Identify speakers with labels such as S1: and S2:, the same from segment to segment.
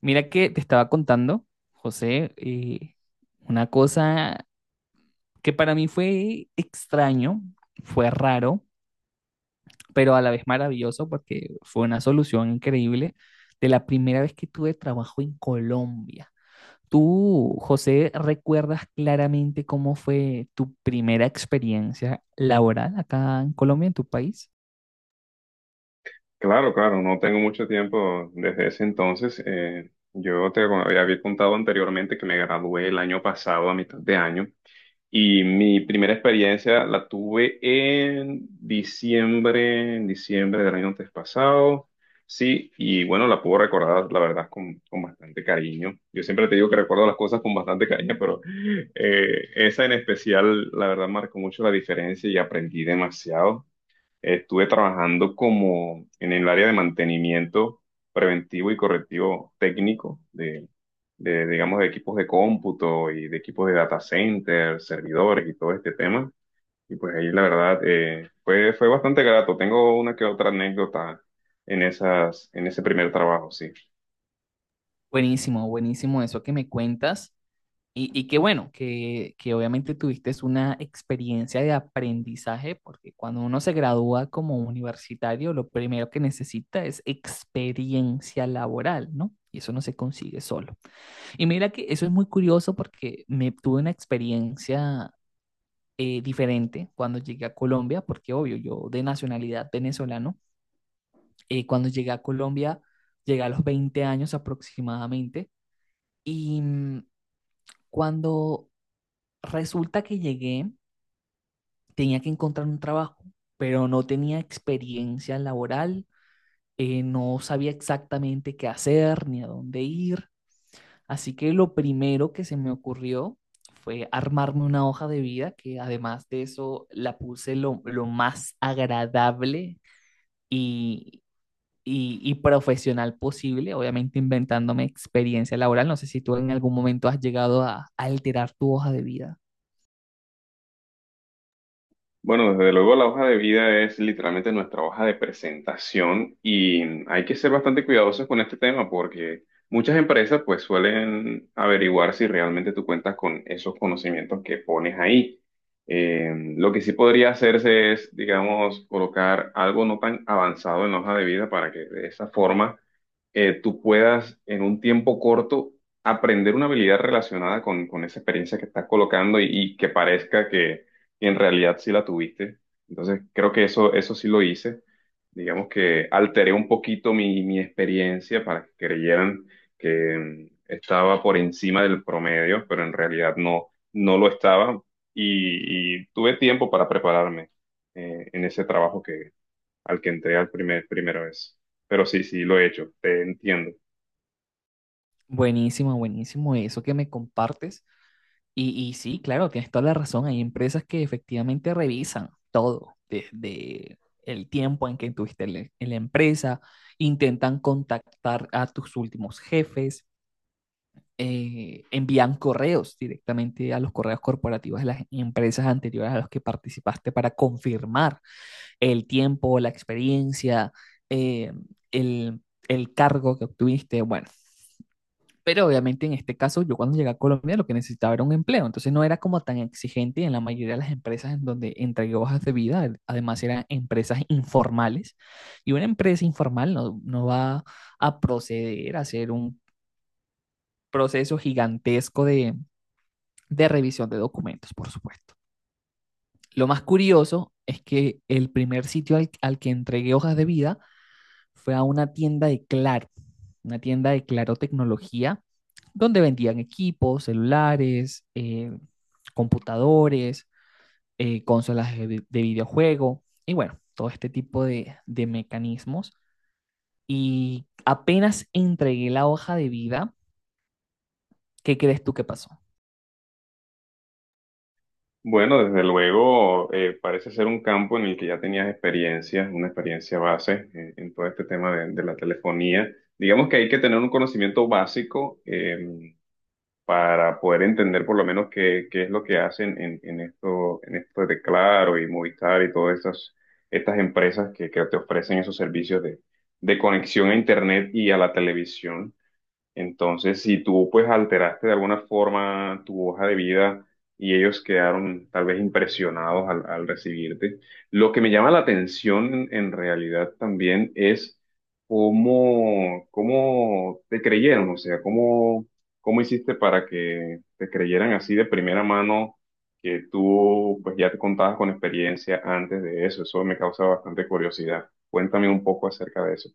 S1: Mira que te estaba contando, José, una cosa que para mí fue extraño, fue raro, pero a la vez maravilloso porque fue una solución increíble de la primera vez que tuve trabajo en Colombia. ¿Tú, José, recuerdas claramente cómo fue tu primera experiencia laboral acá en Colombia, en tu país?
S2: Claro, claro, no tengo mucho tiempo desde ese entonces. Yo te había contado anteriormente que me gradué el año pasado, a mitad de año, y mi primera experiencia la tuve en diciembre del año antes pasado. Sí, y bueno, la puedo recordar, la verdad, con bastante cariño. Yo siempre te digo que recuerdo las cosas con bastante cariño, pero esa en especial, la verdad, marcó mucho la diferencia y aprendí demasiado. Estuve trabajando como en el área de mantenimiento preventivo y correctivo técnico digamos, de equipos de cómputo y de equipos de data center, servidores y todo este tema. Y pues ahí la verdad fue bastante grato. Tengo una que otra anécdota en esas, en ese primer trabajo, sí.
S1: Buenísimo, buenísimo eso que me cuentas. Y qué bueno, que obviamente tuviste una experiencia de aprendizaje, porque cuando uno se gradúa como universitario, lo primero que necesita es experiencia laboral, ¿no? Y eso no se consigue solo. Y mira que eso es muy curioso porque me tuve una experiencia diferente cuando llegué a Colombia, porque obvio, yo de nacionalidad venezolano, cuando llegué a Colombia, llegué a los 20 años aproximadamente, y cuando resulta que llegué, tenía que encontrar un trabajo, pero no tenía experiencia laboral, no sabía exactamente qué hacer ni a dónde ir. Así que lo primero que se me ocurrió fue armarme una hoja de vida, que además de eso la puse lo más agradable y, y profesional posible, obviamente inventándome experiencia laboral. No sé si tú en algún momento has llegado a alterar tu hoja de vida.
S2: Bueno, desde luego la hoja de vida es literalmente nuestra hoja de presentación y hay que ser bastante cuidadosos con este tema porque muchas empresas pues suelen averiguar si realmente tú cuentas con esos conocimientos que pones ahí. Eh, lo que sí podría hacerse es, digamos, colocar algo no tan avanzado en la hoja de vida para que de esa forma tú puedas en un tiempo corto aprender una habilidad relacionada con esa experiencia que estás colocando y que parezca que y en realidad sí la tuviste. Entonces, creo que eso sí lo hice. Digamos que alteré un poquito mi experiencia para que creyeran que estaba por encima del promedio, pero en realidad no, no lo estaba y tuve tiempo para prepararme en ese trabajo que, al que entré al primera vez. Pero sí, sí, lo he hecho, te entiendo.
S1: Buenísimo, buenísimo eso que me compartes. Y sí, claro, tienes toda la razón. Hay empresas que efectivamente revisan todo, desde el tiempo en que tuviste en en la empresa, intentan contactar a tus últimos jefes, envían correos directamente a los correos corporativos de las empresas anteriores a las que participaste para confirmar el tiempo, la experiencia, eh, el, el cargo que obtuviste. Bueno, pero obviamente en este caso, yo cuando llegué a Colombia lo que necesitaba era un empleo, entonces no era como tan exigente y en la mayoría de las empresas en donde entregué hojas de vida, además eran empresas informales y una empresa informal no va a proceder a hacer un proceso gigantesco de revisión de documentos, por supuesto. Lo más curioso es que el primer sitio al que entregué hojas de vida fue a una tienda de Claro, una tienda de Claro Tecnología, donde vendían equipos, celulares, computadores, consolas de videojuego y bueno, todo este tipo de mecanismos. Y apenas entregué la hoja de vida, ¿qué crees tú que pasó?
S2: Bueno, desde luego, parece ser un campo en el que ya tenías experiencia, una experiencia base en todo este tema de la telefonía. Digamos que hay que tener un conocimiento básico para poder entender por lo menos qué, qué es lo que hacen en esto de Claro y Movistar y todas estas, estas empresas que te ofrecen esos servicios de conexión a Internet y a la televisión. Entonces, si tú pues alteraste de alguna forma tu hoja de vida y ellos quedaron tal vez impresionados al, al recibirte, lo que me llama la atención en realidad también es cómo, cómo te creyeron, o sea, cómo, cómo hiciste para que te creyeran así de primera mano que tú pues ya te contabas con experiencia antes de eso. Eso me causa bastante curiosidad. Cuéntame un poco acerca de eso.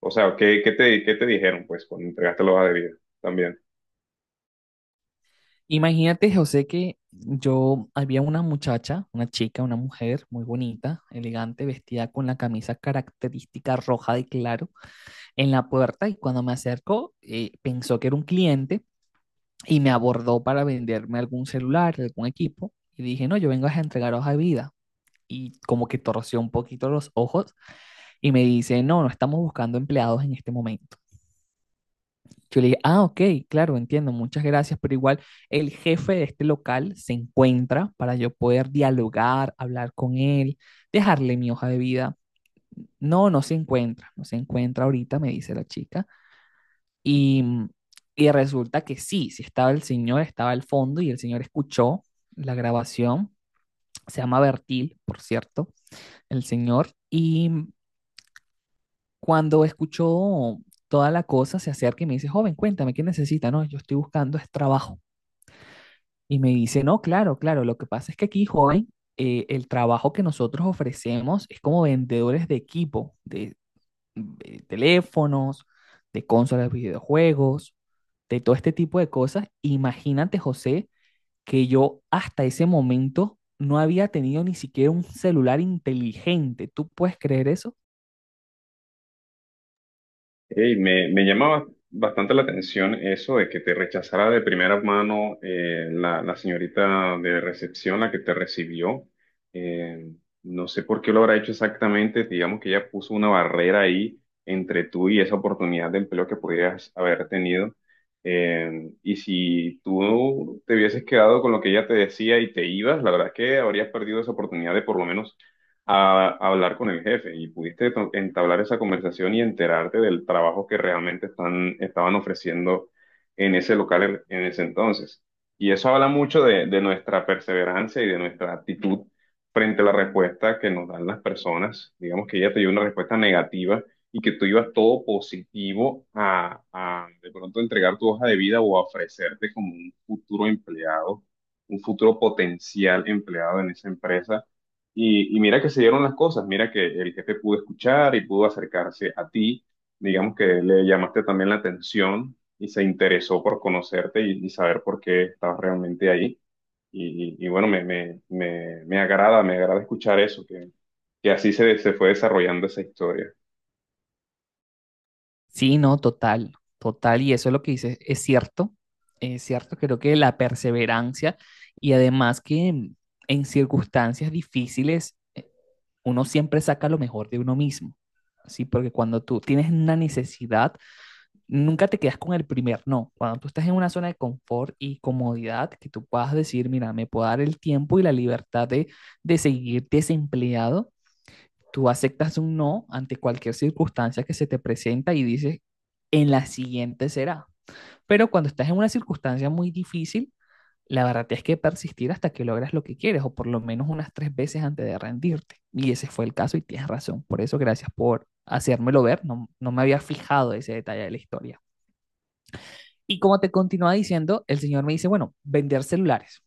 S2: O sea, ¿qué, qué te dijeron, pues, cuando entregaste la hoja de vida también?
S1: Imagínate, José, que yo había una muchacha, una chica, una mujer muy bonita, elegante, vestida con la camisa característica roja de claro en la puerta y cuando me acercó pensó que era un cliente y me abordó para venderme algún celular, algún equipo y dije, no, yo vengo a entregaros a vida y como que torció un poquito los ojos y me dice, no, no estamos buscando empleados en este momento. Yo le dije, ah, ok, claro, entiendo, muchas gracias, pero igual el jefe de este local se encuentra para yo poder dialogar, hablar con él, dejarle mi hoja de vida. No, no se encuentra, no se encuentra ahorita, me dice la chica. Y, y resulta que sí, sí estaba el señor, estaba al fondo y el señor escuchó la grabación. Se llama Bertil, por cierto, el señor. Y cuando escuchó toda la cosa, se acerca y me dice, joven, cuéntame, ¿qué necesita? No, yo estoy buscando es trabajo. Y me dice, no, claro, claro, lo que pasa es que aquí, joven, el trabajo que nosotros ofrecemos es como vendedores de equipo, de teléfonos, de consolas de videojuegos, de todo este tipo de cosas. Imagínate, José, que yo hasta ese momento no había tenido ni siquiera un celular inteligente. ¿Tú puedes creer eso?
S2: Ey, me llama bastante la atención eso de que te rechazara de primera mano la, la señorita de recepción, la que te recibió. Eh, no sé por qué lo habrá hecho exactamente. Digamos que ella puso una barrera ahí entre tú y esa oportunidad de empleo que pudieras haber tenido. Y si tú te hubieses quedado con lo que ella te decía y te ibas, la verdad es que habrías perdido esa oportunidad de por lo menos a hablar con el jefe y pudiste entablar esa conversación y enterarte del trabajo que realmente están, estaban ofreciendo en ese local en ese entonces. Y eso habla mucho de nuestra perseverancia y de nuestra actitud frente a la respuesta que nos dan las personas. Digamos que ella te dio una respuesta negativa y que tú ibas todo positivo a de pronto entregar tu hoja de vida o a ofrecerte como un futuro empleado, un futuro potencial empleado en esa empresa y mira que se dieron las cosas, mira que el jefe pudo escuchar y pudo acercarse a ti, digamos que le llamaste también la atención y se interesó por conocerte y saber por qué estabas realmente ahí. Y bueno, me agrada escuchar eso, que así se, se fue desarrollando esa historia.
S1: Sí, no, total, total. Y eso es lo que dices, es cierto, creo que la perseverancia y además que en circunstancias difíciles, uno siempre saca lo mejor de uno mismo. Sí, porque cuando tú tienes una necesidad, nunca te quedas con el primer no. Cuando tú estás en una zona de confort y comodidad, que tú puedas decir, mira, me puedo dar el tiempo y la libertad de seguir desempleado, tú aceptas un no ante cualquier circunstancia que se te presenta y dices, en la siguiente será. Pero cuando estás en una circunstancia muy difícil, la verdad es que persistir hasta que logras lo que quieres, o por lo menos unas 3 veces antes de rendirte. Y ese fue el caso y tienes razón. Por eso, gracias por hacérmelo ver. No, no me había fijado ese detalle de la historia. Y como te continúa diciendo, el señor me dice, bueno, vender celulares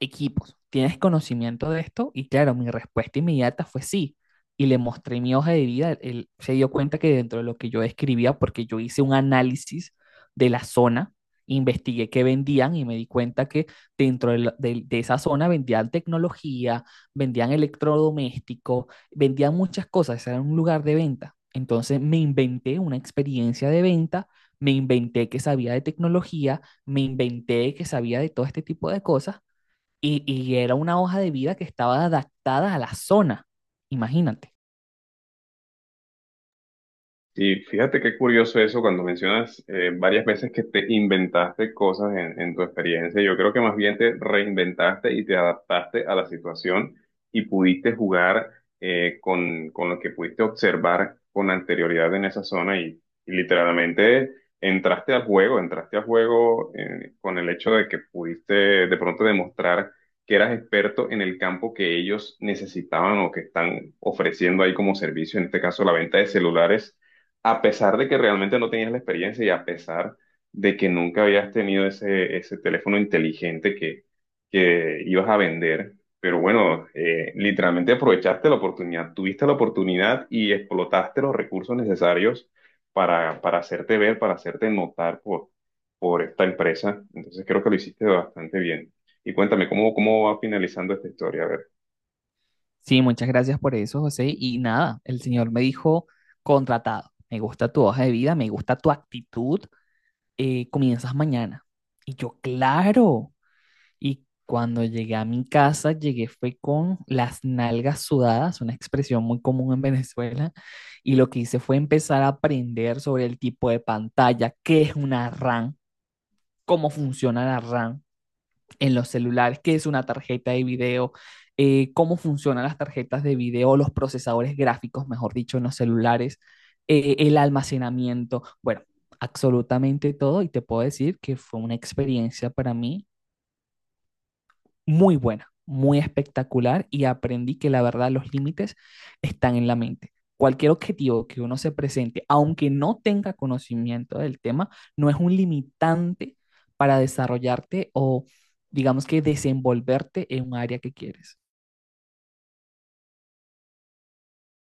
S1: equipos, ¿tienes conocimiento de esto? Y claro, mi respuesta inmediata fue sí. Y le mostré mi hoja de vida. Él se dio cuenta que dentro de lo que yo escribía, porque yo hice un análisis de la zona, investigué qué vendían y me di cuenta que dentro de, de esa zona vendían tecnología, vendían electrodomésticos, vendían muchas cosas, ese era un lugar de venta. Entonces me inventé una experiencia de venta, me inventé que sabía de tecnología, me inventé que sabía de todo este tipo de cosas y era una hoja de vida que estaba adaptada a la zona, imagínate.
S2: Y fíjate qué curioso eso cuando mencionas varias veces que te inventaste cosas en tu experiencia. Yo creo que más bien te reinventaste y te adaptaste a la situación y pudiste jugar con lo que pudiste observar con anterioridad en esa zona y literalmente entraste al juego con el hecho de que pudiste de pronto demostrar que eras experto en el campo que ellos necesitaban o que están ofreciendo ahí como servicio, en este caso la venta de celulares a pesar de que realmente no tenías la experiencia y a pesar de que nunca habías tenido ese, ese teléfono inteligente que ibas a vender. Pero bueno, literalmente aprovechaste la oportunidad, tuviste la oportunidad y explotaste los recursos necesarios para hacerte ver, para hacerte notar por esta empresa. Entonces creo que lo hiciste bastante bien. Y cuéntame, ¿cómo, cómo va finalizando esta historia? A ver.
S1: Sí, muchas gracias por eso, José. Y nada, el señor me dijo, contratado, me gusta tu hoja de vida, me gusta tu actitud, comienzas mañana. Y yo, claro. Y cuando llegué a mi casa, llegué fue con las nalgas sudadas, una expresión muy común en Venezuela, y lo que hice fue empezar a aprender sobre el tipo de pantalla, qué es una RAM, cómo funciona la RAM, en los celulares, qué es una tarjeta de video, cómo funcionan las tarjetas de video, los procesadores gráficos, mejor dicho, en los celulares, el almacenamiento, bueno, absolutamente todo y te puedo decir que fue una experiencia para mí muy buena, muy espectacular y aprendí que la verdad los límites están en la mente. Cualquier objetivo que uno se presente, aunque no tenga conocimiento del tema, no es un limitante para desarrollarte o digamos que desenvolverte en un área que quieres.